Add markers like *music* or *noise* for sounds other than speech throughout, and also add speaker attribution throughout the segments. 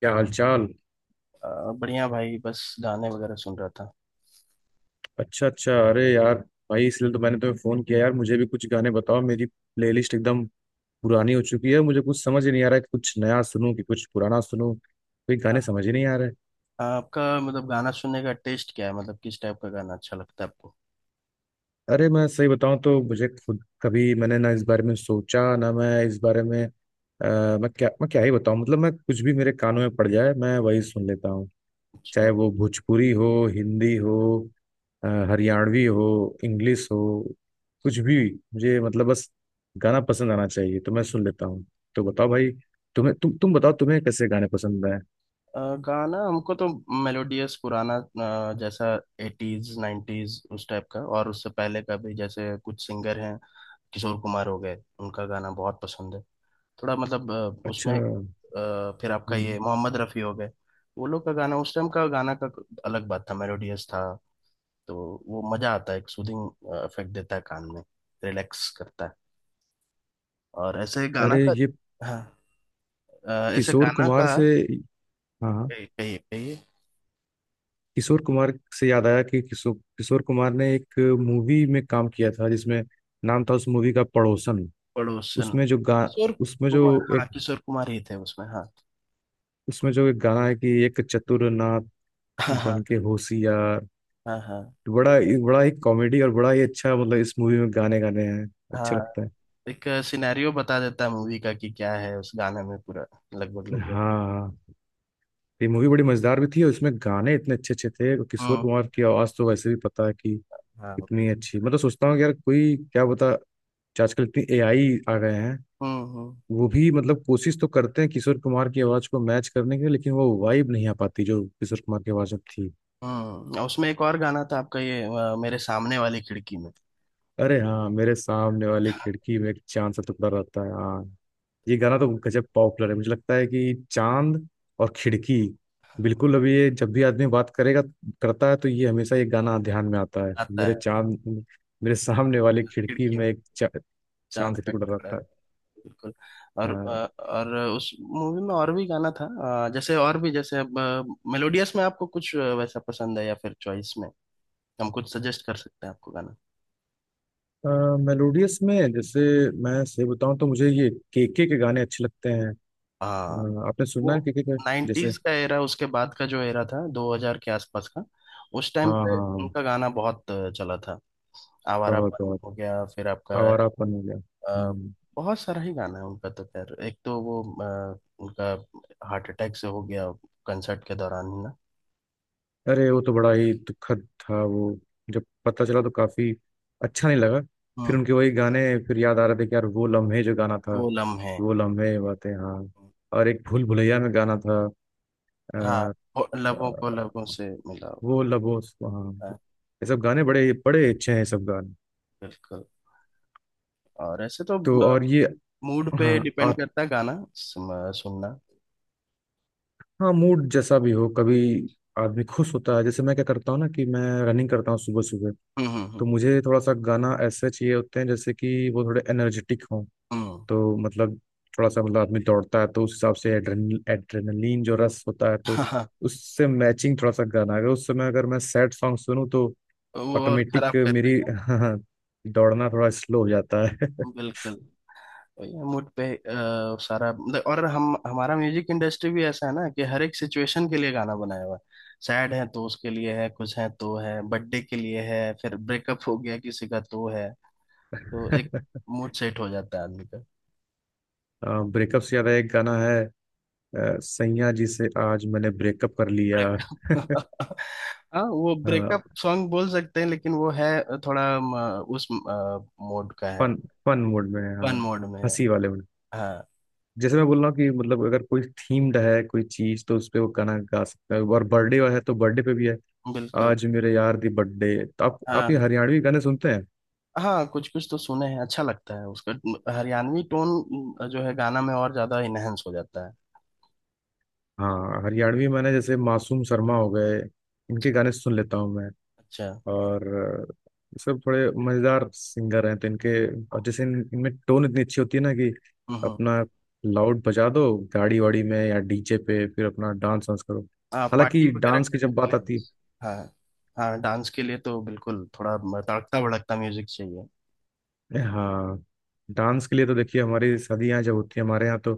Speaker 1: क्या हाल चाल।
Speaker 2: अ, बढ़िया भाई, बस गाने वगैरह सुन रहा था।
Speaker 1: अच्छा अच्छा। अरे यार, भाई इसलिए तो मैंने तुम्हें फोन किया यार। मुझे भी कुछ गाने बताओ। मेरी प्लेलिस्ट एकदम पुरानी हो चुकी है। मुझे कुछ समझ ही नहीं आ रहा है कि कुछ नया सुनूं कि कुछ पुराना सुनूं। कोई
Speaker 2: आ-
Speaker 1: गाने समझ ही नहीं आ रहे।
Speaker 2: आपका मतलब गाना सुनने का टेस्ट क्या है? मतलब किस टाइप का गाना अच्छा लगता है आपको?
Speaker 1: अरे मैं सही बताऊं तो मुझे खुद, कभी मैंने ना इस बारे में सोचा ना मैं इस बारे में, मैं क्या ही बताऊं। मतलब मैं कुछ भी मेरे कानों में पड़ जाए मैं वही सुन लेता हूँ।
Speaker 2: अच्छा।
Speaker 1: चाहे वो भोजपुरी हो, हिंदी हो, हरियाणवी हो, इंग्लिश हो, कुछ भी। मुझे मतलब बस गाना पसंद आना चाहिए तो मैं सुन लेता हूँ। तो बताओ भाई, तुम्हें तुम बताओ, तुम्हें कैसे गाने पसंद आए?
Speaker 2: अ, गाना हमको तो मेलोडियस पुराना जैसा एटीज नाइन्टीज उस टाइप का, और उससे पहले का भी। जैसे कुछ सिंगर हैं, किशोर कुमार हो गए, उनका गाना बहुत पसंद है। थोड़ा मतलब
Speaker 1: अच्छा।
Speaker 2: उसमें
Speaker 1: हम्म।
Speaker 2: फिर आपका ये मोहम्मद रफ़ी हो गए। वो लोग का गाना, उस टाइम का गाना का अलग बात था, मेलोडियस था। तो वो मजा आता है, एक सूदिंग इफेक्ट देता है कान में, रिलैक्स करता है, और ऐसे गाना
Speaker 1: अरे
Speaker 2: का।
Speaker 1: ये
Speaker 2: हाँ, ऐसे
Speaker 1: किशोर
Speaker 2: गाना
Speaker 1: कुमार
Speaker 2: का।
Speaker 1: से। हाँ हाँ,
Speaker 2: कहिए कहिए कहिए।
Speaker 1: किशोर कुमार से याद आया कि किशोर किशोर कुमार ने एक मूवी में काम किया था, जिसमें नाम था उस मूवी का पड़ोसन।
Speaker 2: पड़ोसन।
Speaker 1: उसमें जो गा
Speaker 2: किशोर
Speaker 1: उसमें
Speaker 2: कुमार,
Speaker 1: जो
Speaker 2: हाँ
Speaker 1: एक
Speaker 2: किशोर कुमार ही थे उसमें, हाँ।
Speaker 1: उसमें जो एक गाना है कि एक चतुर नाथ
Speaker 2: हाँ। हाँ।
Speaker 1: बन के होशियार।
Speaker 2: हाँ। हाँ।
Speaker 1: बड़ा बड़ा ही कॉमेडी और बड़ा ही अच्छा, मतलब इस मूवी में गाने गाने हैं, अच्छा
Speaker 2: हाँ।
Speaker 1: लगता है।
Speaker 2: एक सिनेरियो बता देता है मूवी का, कि क्या है उस गाने में पूरा, लगभग लगभग।
Speaker 1: हाँ, ये मूवी बड़ी मजेदार भी थी और इसमें गाने इतने अच्छे अच्छे थे, और किशोर
Speaker 2: हम्म।
Speaker 1: कुमार की आवाज तो वैसे भी पता है कि
Speaker 2: हाँ,
Speaker 1: इतनी
Speaker 2: बिल्कुल।
Speaker 1: अच्छी। मतलब सोचता हूँ कि यार कोई क्या बता आजकल इतनी एआई आ गए हैं।
Speaker 2: हम्म हम्म
Speaker 1: वो भी मतलब कोशिश तो करते हैं किशोर कुमार की आवाज को मैच करने की, लेकिन वो वाइब नहीं आ पाती जो किशोर कुमार की आवाज में थी।
Speaker 2: हम्म, और उसमें एक और गाना था आपका ये मेरे सामने वाली खिड़की में।
Speaker 1: अरे हाँ, मेरे सामने वाली खिड़की में एक चांद सा टुकड़ा रहता है, हाँ। ये गाना तो गजब पॉपुलर है। मुझे लगता है कि चांद और खिड़की, बिल्कुल, अभी ये जब भी आदमी बात करेगा, करता है, तो ये हमेशा ये गाना ध्यान में आता है,
Speaker 2: आता
Speaker 1: मेरे
Speaker 2: है।
Speaker 1: चांद, मेरे सामने वाली खिड़की
Speaker 2: खिड़की,
Speaker 1: में एक
Speaker 2: चांद
Speaker 1: चांद सा
Speaker 2: का
Speaker 1: टुकड़ा
Speaker 2: टुकड़ा
Speaker 1: रहता
Speaker 2: रहे।
Speaker 1: है।
Speaker 2: बिल्कुल। और अ, और उस मूवी में और भी गाना था। जैसे और भी, जैसे अब मेलोडियस में आपको कुछ वैसा पसंद है, या फिर चॉइस में हम कुछ सजेस्ट कर सकते हैं आपको गाना।
Speaker 1: हाँ, मेलोडियस में जैसे, मैं सही बताऊं तो मुझे ये केके के गाने अच्छे लगते हैं।
Speaker 2: हाँ।
Speaker 1: आपने सुना
Speaker 2: वो
Speaker 1: है केके के जैसे?
Speaker 2: नाइन्टीज का एरा, उसके बाद का जो एरा था 2000 के आसपास का, उस टाइम
Speaker 1: हाँ हाँ
Speaker 2: पे
Speaker 1: हाँ।
Speaker 2: उनका गाना बहुत चला था।
Speaker 1: बहुत
Speaker 2: आवारापन
Speaker 1: बहुत
Speaker 2: हो गया, फिर आपका
Speaker 1: आवारापन हो गया।
Speaker 2: अ,
Speaker 1: हम्म।
Speaker 2: बहुत सारा ही गाना है उनका तो। खैर, एक तो वो अ, उनका हार्ट अटैक से हो गया कंसर्ट के दौरान ही ना।
Speaker 1: अरे वो तो बड़ा ही दुखद था वो, जब पता चला तो काफी अच्छा नहीं लगा। फिर
Speaker 2: हम्म।
Speaker 1: उनके वही गाने फिर याद आ रहे थे कि यार, वो लम्हे जो गाना था,
Speaker 2: वो लम्हे,
Speaker 1: वो लम्हे बातें, हाँ। और एक भूल भुलैया में गाना था,
Speaker 2: हाँ।
Speaker 1: अ,
Speaker 2: वो
Speaker 1: अ,
Speaker 2: लबों को लबों से मिलाओ।
Speaker 1: वो लबो हाँ,
Speaker 2: हाँ,
Speaker 1: ये सब गाने बड़े बड़े अच्छे हैं, ये सब गाने।
Speaker 2: बिल्कुल। और ऐसे तो
Speaker 1: तो और ये,
Speaker 2: मूड
Speaker 1: हाँ,
Speaker 2: पे डिपेंड
Speaker 1: आपका
Speaker 2: करता है गाना सुनना।
Speaker 1: मूड जैसा भी हो, कभी आदमी खुश होता है, जैसे मैं क्या करता हूँ ना कि मैं रनिंग करता हूँ सुबह सुबह, तो
Speaker 2: हम्म।
Speaker 1: मुझे थोड़ा सा गाना ऐसे चाहिए होते हैं जैसे कि वो थोड़े एनर्जेटिक हों। तो मतलब, थोड़ा सा मतलब आदमी दौड़ता है तो उस हिसाब से एड्रेनलिन जो रस होता है, तो
Speaker 2: हम्म। *laughs*
Speaker 1: उससे मैचिंग थोड़ा सा गाना। अगर उस समय अगर मैं सैड सॉन्ग सुनूं तो
Speaker 2: वो और खराब
Speaker 1: ऑटोमेटिक
Speaker 2: कर
Speaker 1: मेरी
Speaker 2: देगा।
Speaker 1: *laughs* दौड़ना थोड़ा स्लो हो जाता है।
Speaker 2: बिल्कुल। मूड पे सारा मतलब। और हम हमारा म्यूजिक इंडस्ट्री भी ऐसा है ना, कि हर एक सिचुएशन के लिए गाना बनाया हुआ है। सैड है तो उसके लिए है, कुछ है तो है, बर्थडे के लिए है, फिर ब्रेकअप हो गया किसी का तो है। तो एक
Speaker 1: *laughs*
Speaker 2: मूड सेट हो जाता है आदमी।
Speaker 1: ब्रेकअप से ज्यादा एक गाना है, सैया जी से आज मैंने ब्रेकअप कर लिया।
Speaker 2: break- *laughs* हाँ, वो ब्रेकअप सॉन्ग बोल सकते हैं, लेकिन वो है थोड़ा उस मोड का है।
Speaker 1: फन, फन मूड में,
Speaker 2: फन
Speaker 1: हाँ,
Speaker 2: मोड में है।
Speaker 1: हंसी वाले मूड।
Speaker 2: हाँ,
Speaker 1: जैसे मैं बोल रहा हूँ कि मतलब अगर कोई थीम्ड है कोई चीज तो उस पे वो गाना गा सकता है, और बर्थडे है तो बर्थडे पे भी है,
Speaker 2: बिल्कुल।
Speaker 1: आज मेरे यार दी बर्थडे। तो आप ये
Speaker 2: हाँ
Speaker 1: हरियाणवी गाने सुनते हैं?
Speaker 2: हाँ, कुछ कुछ तो सुने हैं। अच्छा लगता है उसका हरियाणवी टोन, जो है गाना में और ज्यादा इनहेंस हो जाता है।
Speaker 1: हाँ, हरियाणवी मैंने जैसे मासूम शर्मा हो गए, इनके गाने सुन लेता हूँ मैं।
Speaker 2: अच्छा।
Speaker 1: और ये सब थोड़े मजेदार सिंगर हैं तो इनके, और जैसे इनमें टोन इतनी अच्छी होती है ना कि
Speaker 2: हम्म।
Speaker 1: अपना लाउड बजा दो गाड़ी वाड़ी में या डीजे पे, फिर अपना डांस वांस करो।
Speaker 2: हाँ, पार्टी
Speaker 1: हालांकि
Speaker 2: वगैरह
Speaker 1: डांस की
Speaker 2: करने
Speaker 1: जब
Speaker 2: के
Speaker 1: बात
Speaker 2: लिए
Speaker 1: आती
Speaker 2: बस। हाँ हाँ, डांस के लिए तो बिल्कुल थोड़ा तड़कता भड़कता म्यूजिक चाहिए।
Speaker 1: है, हाँ, डांस के लिए तो देखिए, हमारी शादियाँ जब होती है हमारे यहाँ, तो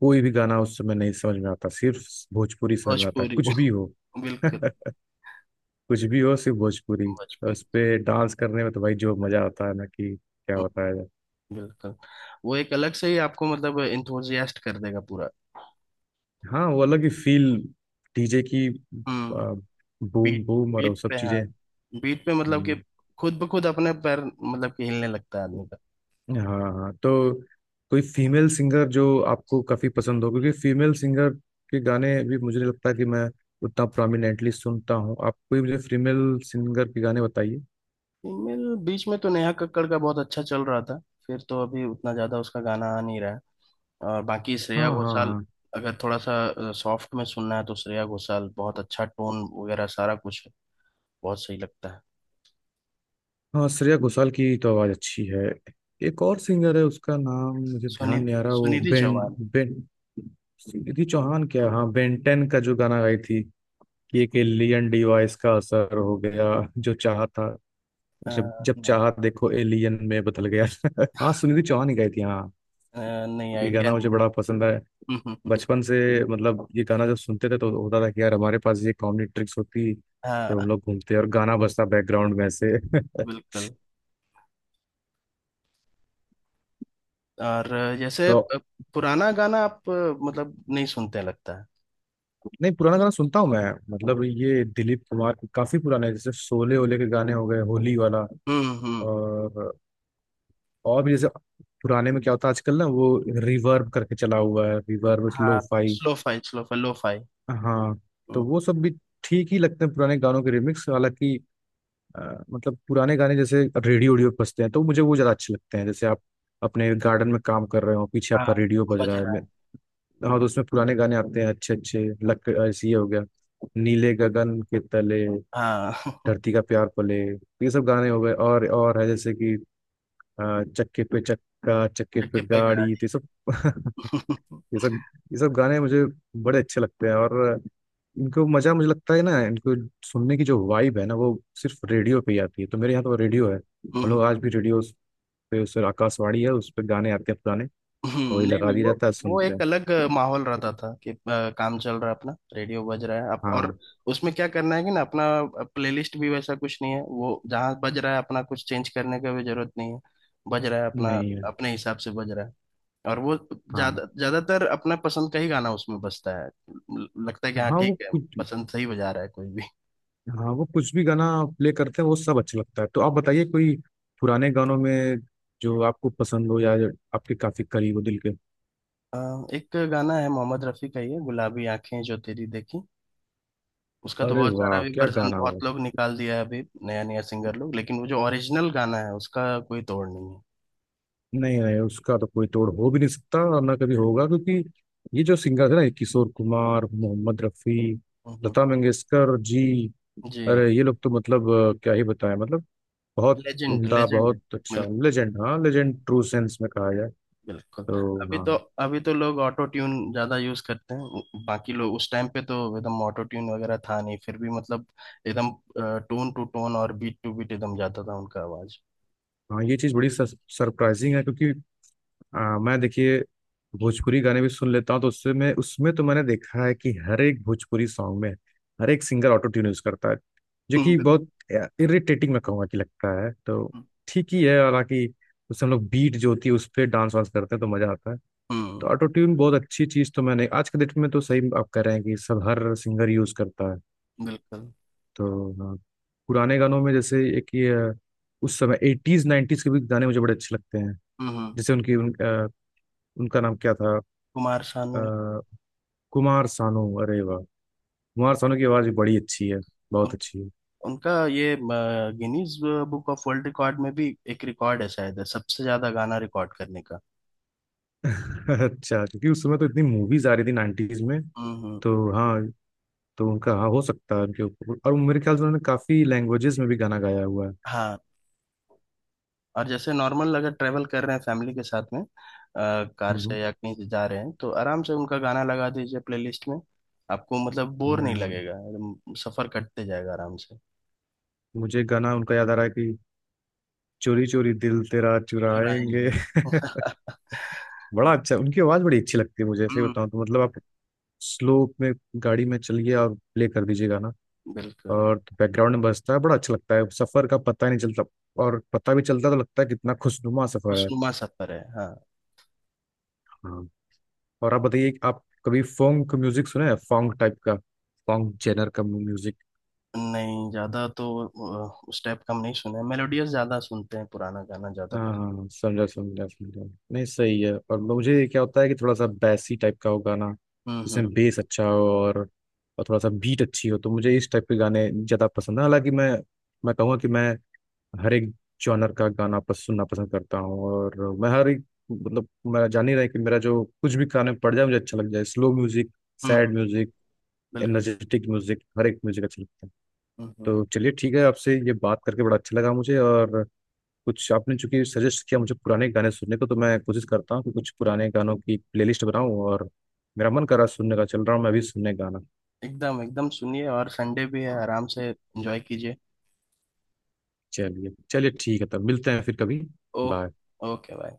Speaker 1: कोई भी गाना उस समय नहीं समझ में आता, सिर्फ भोजपुरी समझ में आता,
Speaker 2: भोजपुरी।
Speaker 1: कुछ भी हो।
Speaker 2: *laughs*
Speaker 1: *laughs*
Speaker 2: बिल्कुल।
Speaker 1: कुछ भी हो, सिर्फ भोजपुरी। और उस
Speaker 2: भोजपुरी।
Speaker 1: पे डांस करने में तो भाई जो मजा आता है ना, कि क्या बताया जाए।
Speaker 2: बिल्कुल। वो एक अलग से ही आपको मतलब इंथुजियास्ट कर देगा पूरा।
Speaker 1: हाँ, वो अलग ही फील, डीजे की आ,
Speaker 2: हम्म। बीट,
Speaker 1: बूम बूम और वो
Speaker 2: बीट
Speaker 1: सब
Speaker 2: पे हाँ,
Speaker 1: चीजें।
Speaker 2: बीट पे मतलब कि
Speaker 1: हम्म।
Speaker 2: खुद ब खुद अपने पैर, मतलब कि हिलने लगता है आदमी का।
Speaker 1: हाँ हाँ, तो कोई फीमेल सिंगर जो आपको काफी पसंद हो? क्योंकि फीमेल सिंगर के गाने भी मुझे नहीं लगता कि मैं उतना प्रोमिनेंटली सुनता हूँ। आप कोई मुझे फीमेल सिंगर के गाने बताइए।
Speaker 2: फीमेल, बीच में तो नेहा कक्कड़ का बहुत अच्छा चल रहा था, फिर तो अभी उतना ज्यादा उसका गाना आ नहीं रहा है। और बाकी श्रेया
Speaker 1: हाँ हाँ
Speaker 2: घोषाल।
Speaker 1: हाँ।
Speaker 2: अगर थोड़ा सा सॉफ्ट में सुनना है तो श्रेया घोषाल बहुत अच्छा, टोन वगैरह सारा कुछ बहुत सही लगता है।
Speaker 1: हाँ, श्रेया घोषाल की तो आवाज अच्छी है। एक और सिंगर है, उसका नाम मुझे
Speaker 2: सुनि
Speaker 1: ध्यान नहीं आ रहा, वो
Speaker 2: सुनिधि
Speaker 1: बेन,
Speaker 2: चौहान।
Speaker 1: बेन रिद्धि चौहान क्या, हाँ, Ben 10 का जो गाना गाई थी कि एक एलियन डिवाइस का असर हो गया, जो चाहा था,
Speaker 2: अ,
Speaker 1: जब जब
Speaker 2: नहीं।
Speaker 1: चाहा देखो एलियन में बदल गया। *laughs* हाँ, सुनिधि
Speaker 2: *laughs*
Speaker 1: चौहान ही गाई थी, हाँ।
Speaker 2: नहीं
Speaker 1: ये
Speaker 2: आइडिया।
Speaker 1: गाना मुझे बड़ा पसंद है
Speaker 2: नहीं।
Speaker 1: बचपन से। मतलब ये गाना जब सुनते थे तो होता था कि यार, हमारे पास ये कॉमेडी ट्रिक्स होती,
Speaker 2: *laughs*
Speaker 1: तो हम
Speaker 2: हाँ,
Speaker 1: लोग घूमते और गाना बजता बैकग्राउंड में से।
Speaker 2: बिल्कुल। और
Speaker 1: *laughs*
Speaker 2: जैसे
Speaker 1: तो
Speaker 2: पुराना गाना आप मतलब नहीं सुनते लगता है।
Speaker 1: नहीं, पुराना गाना सुनता हूँ मैं। मतलब ये दिलीप कुमार के काफी पुराने हैं, जैसे शोले ओले के गाने हो गए, होली वाला,
Speaker 2: हम्म।
Speaker 1: और और भी जैसे पुराने में क्या होता है आजकल ना वो रिवर्ब करके चला हुआ है, रिवर्ब लो
Speaker 2: हाँ,
Speaker 1: fi.
Speaker 2: Slow fi, slow fi lo fi.
Speaker 1: हाँ, तो
Speaker 2: हम्म।
Speaker 1: वो सब भी ठीक ही लगते हैं, पुराने गानों के रिमिक्स। हालांकि मतलब पुराने गाने जैसे रेडियो ओडियो पे बजते हैं तो मुझे वो ज्यादा अच्छे लगते हैं, जैसे आप अपने गार्डन में काम कर रहे हो, पीछे आपका
Speaker 2: हाँ,
Speaker 1: रेडियो बज
Speaker 2: बज
Speaker 1: रहा है,
Speaker 2: रहा है।
Speaker 1: मैं-। हाँ, तो उसमें पुराने गाने आते हैं, अच्छे अच्छे लक ऐसे, ये हो गया नीले गगन के तले,
Speaker 2: हाँ। *laughs*
Speaker 1: धरती का प्यार पले, ये सब गाने हो गए। और है जैसे कि चक्के पे चक्का, चक्के पे
Speaker 2: चक्के पे
Speaker 1: गाड़ी, तो
Speaker 2: गाड़ी।
Speaker 1: ये सब *laughs* ये सब, ये सब गाने मुझे बड़े अच्छे लगते हैं। और इनको मजा, मुझे लगता है ना, इनको सुनने की जो वाइब है ना वो सिर्फ रेडियो पे ही आती है। तो मेरे यहाँ तो रेडियो है, हम लोग
Speaker 2: हम्म।
Speaker 1: आज भी रेडियो पे, उस आकाशवाणी है, उस पर गाने आते हैं पुराने, वही
Speaker 2: हम्म। नहीं
Speaker 1: लगा
Speaker 2: नहीं,
Speaker 1: दिया
Speaker 2: वो
Speaker 1: जाता है,
Speaker 2: वो
Speaker 1: सुनते
Speaker 2: एक
Speaker 1: हैं।
Speaker 2: अलग माहौल रहता था कि काम चल रहा है, अपना रेडियो बज रहा है, आप और
Speaker 1: हाँ।
Speaker 2: उसमें क्या करना है कि ना, अपना प्लेलिस्ट भी वैसा कुछ नहीं है, वो जहाँ बज रहा है अपना, कुछ चेंज करने का भी जरूरत नहीं है। बज रहा है अपना,
Speaker 1: नहीं है।
Speaker 2: अपने हिसाब से बज रहा है। और वो
Speaker 1: हाँ,
Speaker 2: ज्यादा ज्यादातर अपना पसंद का ही गाना उसमें बजता है, लगता है कि हाँ
Speaker 1: हाँ वो
Speaker 2: ठीक है।
Speaker 1: कुछ,
Speaker 2: पसंद सही बजा रहा है कोई भी।
Speaker 1: हाँ वो कुछ भी गाना प्ले करते हैं वो सब अच्छा लगता है। तो आप बताइए, कोई पुराने गानों में जो आपको पसंद हो, या जो आपके काफी करीब हो दिल के?
Speaker 2: अ, एक गाना है मोहम्मद रफी का, ये गुलाबी आंखें जो तेरी देखी। उसका तो
Speaker 1: अरे
Speaker 2: बहुत सारा
Speaker 1: वाह,
Speaker 2: भी
Speaker 1: क्या
Speaker 2: वर्जन
Speaker 1: गाना हो।
Speaker 2: बहुत लोग निकाल दिया है अभी, नया नया सिंगर लोग, लेकिन वो जो ओरिजिनल गाना है उसका कोई तोड़ नहीं है।
Speaker 1: नहीं नहीं, उसका तो कोई तोड़ हो भी नहीं सकता और ना कभी होगा, क्योंकि ये जो सिंगर है ना, ये किशोर कुमार, मोहम्मद रफी,
Speaker 2: हम्म।
Speaker 1: लता मंगेशकर जी,
Speaker 2: जी।
Speaker 1: अरे ये लोग तो मतलब क्या ही बताएं, मतलब बहुत
Speaker 2: लेजेंड,
Speaker 1: उम्दा,
Speaker 2: लेजेंड है।
Speaker 1: बहुत अच्छा, लेजेंड, हाँ लेजेंड ट्रू सेंस में कहा जाए
Speaker 2: बिल्कुल।
Speaker 1: तो।
Speaker 2: अभी
Speaker 1: हाँ।
Speaker 2: तो अभी तो लोग ऑटो ट्यून ज्यादा यूज करते हैं, बाकी लोग उस टाइम पे तो एकदम ऑटो ट्यून वगैरह था नहीं, फिर भी मतलब एकदम टोन टू टोन और बीट टू बीट एकदम जाता था उनका आवाज।
Speaker 1: हाँ, ये चीज़ बड़ी सरप्राइजिंग है क्योंकि मैं देखिए भोजपुरी गाने भी सुन लेता हूँ, तो उससे मैं, उसमें तो मैंने देखा है कि हर एक भोजपुरी सॉन्ग में हर एक सिंगर ऑटो ट्यून यूज करता है, जो कि
Speaker 2: हम्म
Speaker 1: बहुत इरिटेटिंग मैं कहूँगा कि लगता है, तो ठीक ही है। हालांकि उससे हम लोग बीट जो होती है उस पर डांस वांस करते हैं तो मजा आता है।
Speaker 2: हम्म।
Speaker 1: तो ऑटो ट्यून बहुत अच्छी चीज़, तो मैंने, आज के डेट में तो सही आप कह रहे हैं कि सब हर सिंगर यूज करता है।
Speaker 2: बिल्कुल।
Speaker 1: तो हाँ, पुराने गानों में जैसे एक ये उस समय एटीज नाइन्टीज के भी गाने मुझे बड़े अच्छे लगते हैं,
Speaker 2: हम्म।
Speaker 1: जैसे उनकी उनका नाम क्या था,
Speaker 2: कुमार
Speaker 1: अ,
Speaker 2: सानू।
Speaker 1: कुमार सानू, अरे वाह, कुमार सानू की आवाज भी बड़ी अच्छी है, बहुत
Speaker 2: उन,
Speaker 1: अच्छी है।
Speaker 2: उनका ये Guinness book of world record में भी एक रिकॉर्ड है, शायद सबसे ज्यादा गाना रिकॉर्ड करने का।
Speaker 1: *laughs* अच्छा, क्योंकि उस समय तो इतनी मूवीज आ रही थी नाइन्टीज में,
Speaker 2: हम्म।
Speaker 1: तो हाँ, तो उनका, हाँ हो सकता है उनके ऊपर, और मेरे ख्याल से उन्होंने काफी लैंग्वेजेस में भी गाना गाया हुआ है।
Speaker 2: हाँ। और जैसे नॉर्मल, अगर ट्रेवल कर रहे हैं फैमिली के साथ में कार
Speaker 1: हम्म।
Speaker 2: से या कहीं से जा रहे हैं, तो आराम से उनका गाना लगा दीजिए प्लेलिस्ट में। आपको मतलब बोर नहीं
Speaker 1: हाँ,
Speaker 2: लगेगा एकदम, सफर कटते जाएगा आराम से।
Speaker 1: मुझे गाना उनका याद आ रहा है कि चोरी चोरी दिल तेरा चुराएंगे।
Speaker 2: चुराएंगे।
Speaker 1: *laughs*
Speaker 2: *laughs*
Speaker 1: बड़ा अच्छा, उनकी आवाज बड़ी अच्छी लगती है मुझे, ऐसे
Speaker 2: हम्म।
Speaker 1: बताऊं तो मतलब आप स्लो में गाड़ी में चलिए और प्ले कर दीजिए गाना,
Speaker 2: बिल्कुल।
Speaker 1: और बैकग्राउंड में बजता है, बड़ा अच्छा लगता है, सफर का पता नहीं चलता। और पता भी चलता तो लगता है कितना खुशनुमा सफर है।
Speaker 2: खुशनुमा सफर है। हाँ।
Speaker 1: हाँ, और आप बताइए कि आप कभी फोंग का म्यूजिक सुने हैं? फोंग टाइप का, फोंग जेनर का म्यूजिक।
Speaker 2: नहीं, ज्यादा तो उस टाइप का हम नहीं सुने, मेलोडियस ज्यादा सुनते हैं, पुराना गाना ज्यादा पसंद।
Speaker 1: हाँ, समझा समझा समझा। नहीं, सही है। और मुझे क्या होता है कि थोड़ा सा बैसी टाइप का हो गाना,
Speaker 2: हम्म
Speaker 1: जिसमें
Speaker 2: हम्म
Speaker 1: बेस अच्छा हो और थोड़ा सा बीट अच्छी हो, तो मुझे इस टाइप के गाने ज़्यादा पसंद है। हालांकि मैं कहूँगा कि मैं हर एक जॉनर का गाना सुनना पसंद करता हूँ। और मैं हर एक मतलब, मैं जान ही रहा है कि मेरा जो कुछ भी कान में पड़ जाए मुझे अच्छा लग जाए, स्लो म्यूजिक,
Speaker 2: हम्म।
Speaker 1: सैड म्यूजिक,
Speaker 2: बिल्कुल।
Speaker 1: एनर्जेटिक म्यूजिक, हर एक म्यूजिक अच्छा लगता है।
Speaker 2: हम्म।
Speaker 1: तो चलिए, ठीक है, आपसे ये बात करके बड़ा अच्छा लगा मुझे। और कुछ आपने चूंकि सजेस्ट किया मुझे पुराने गाने सुनने को, तो मैं कोशिश करता हूँ कि कुछ पुराने गानों की प्लेलिस्ट बनाऊं। और मेरा मन कर रहा है सुनने का, चल रहा हूँ मैं भी सुनने गाना।
Speaker 2: एकदम एकदम सुनिए, और संडे भी है, आराम से एंजॉय कीजिए।
Speaker 1: चलिए चलिए ठीक है, तब मिलते हैं फिर कभी।
Speaker 2: ओ।
Speaker 1: बाय।
Speaker 2: Okay, bye.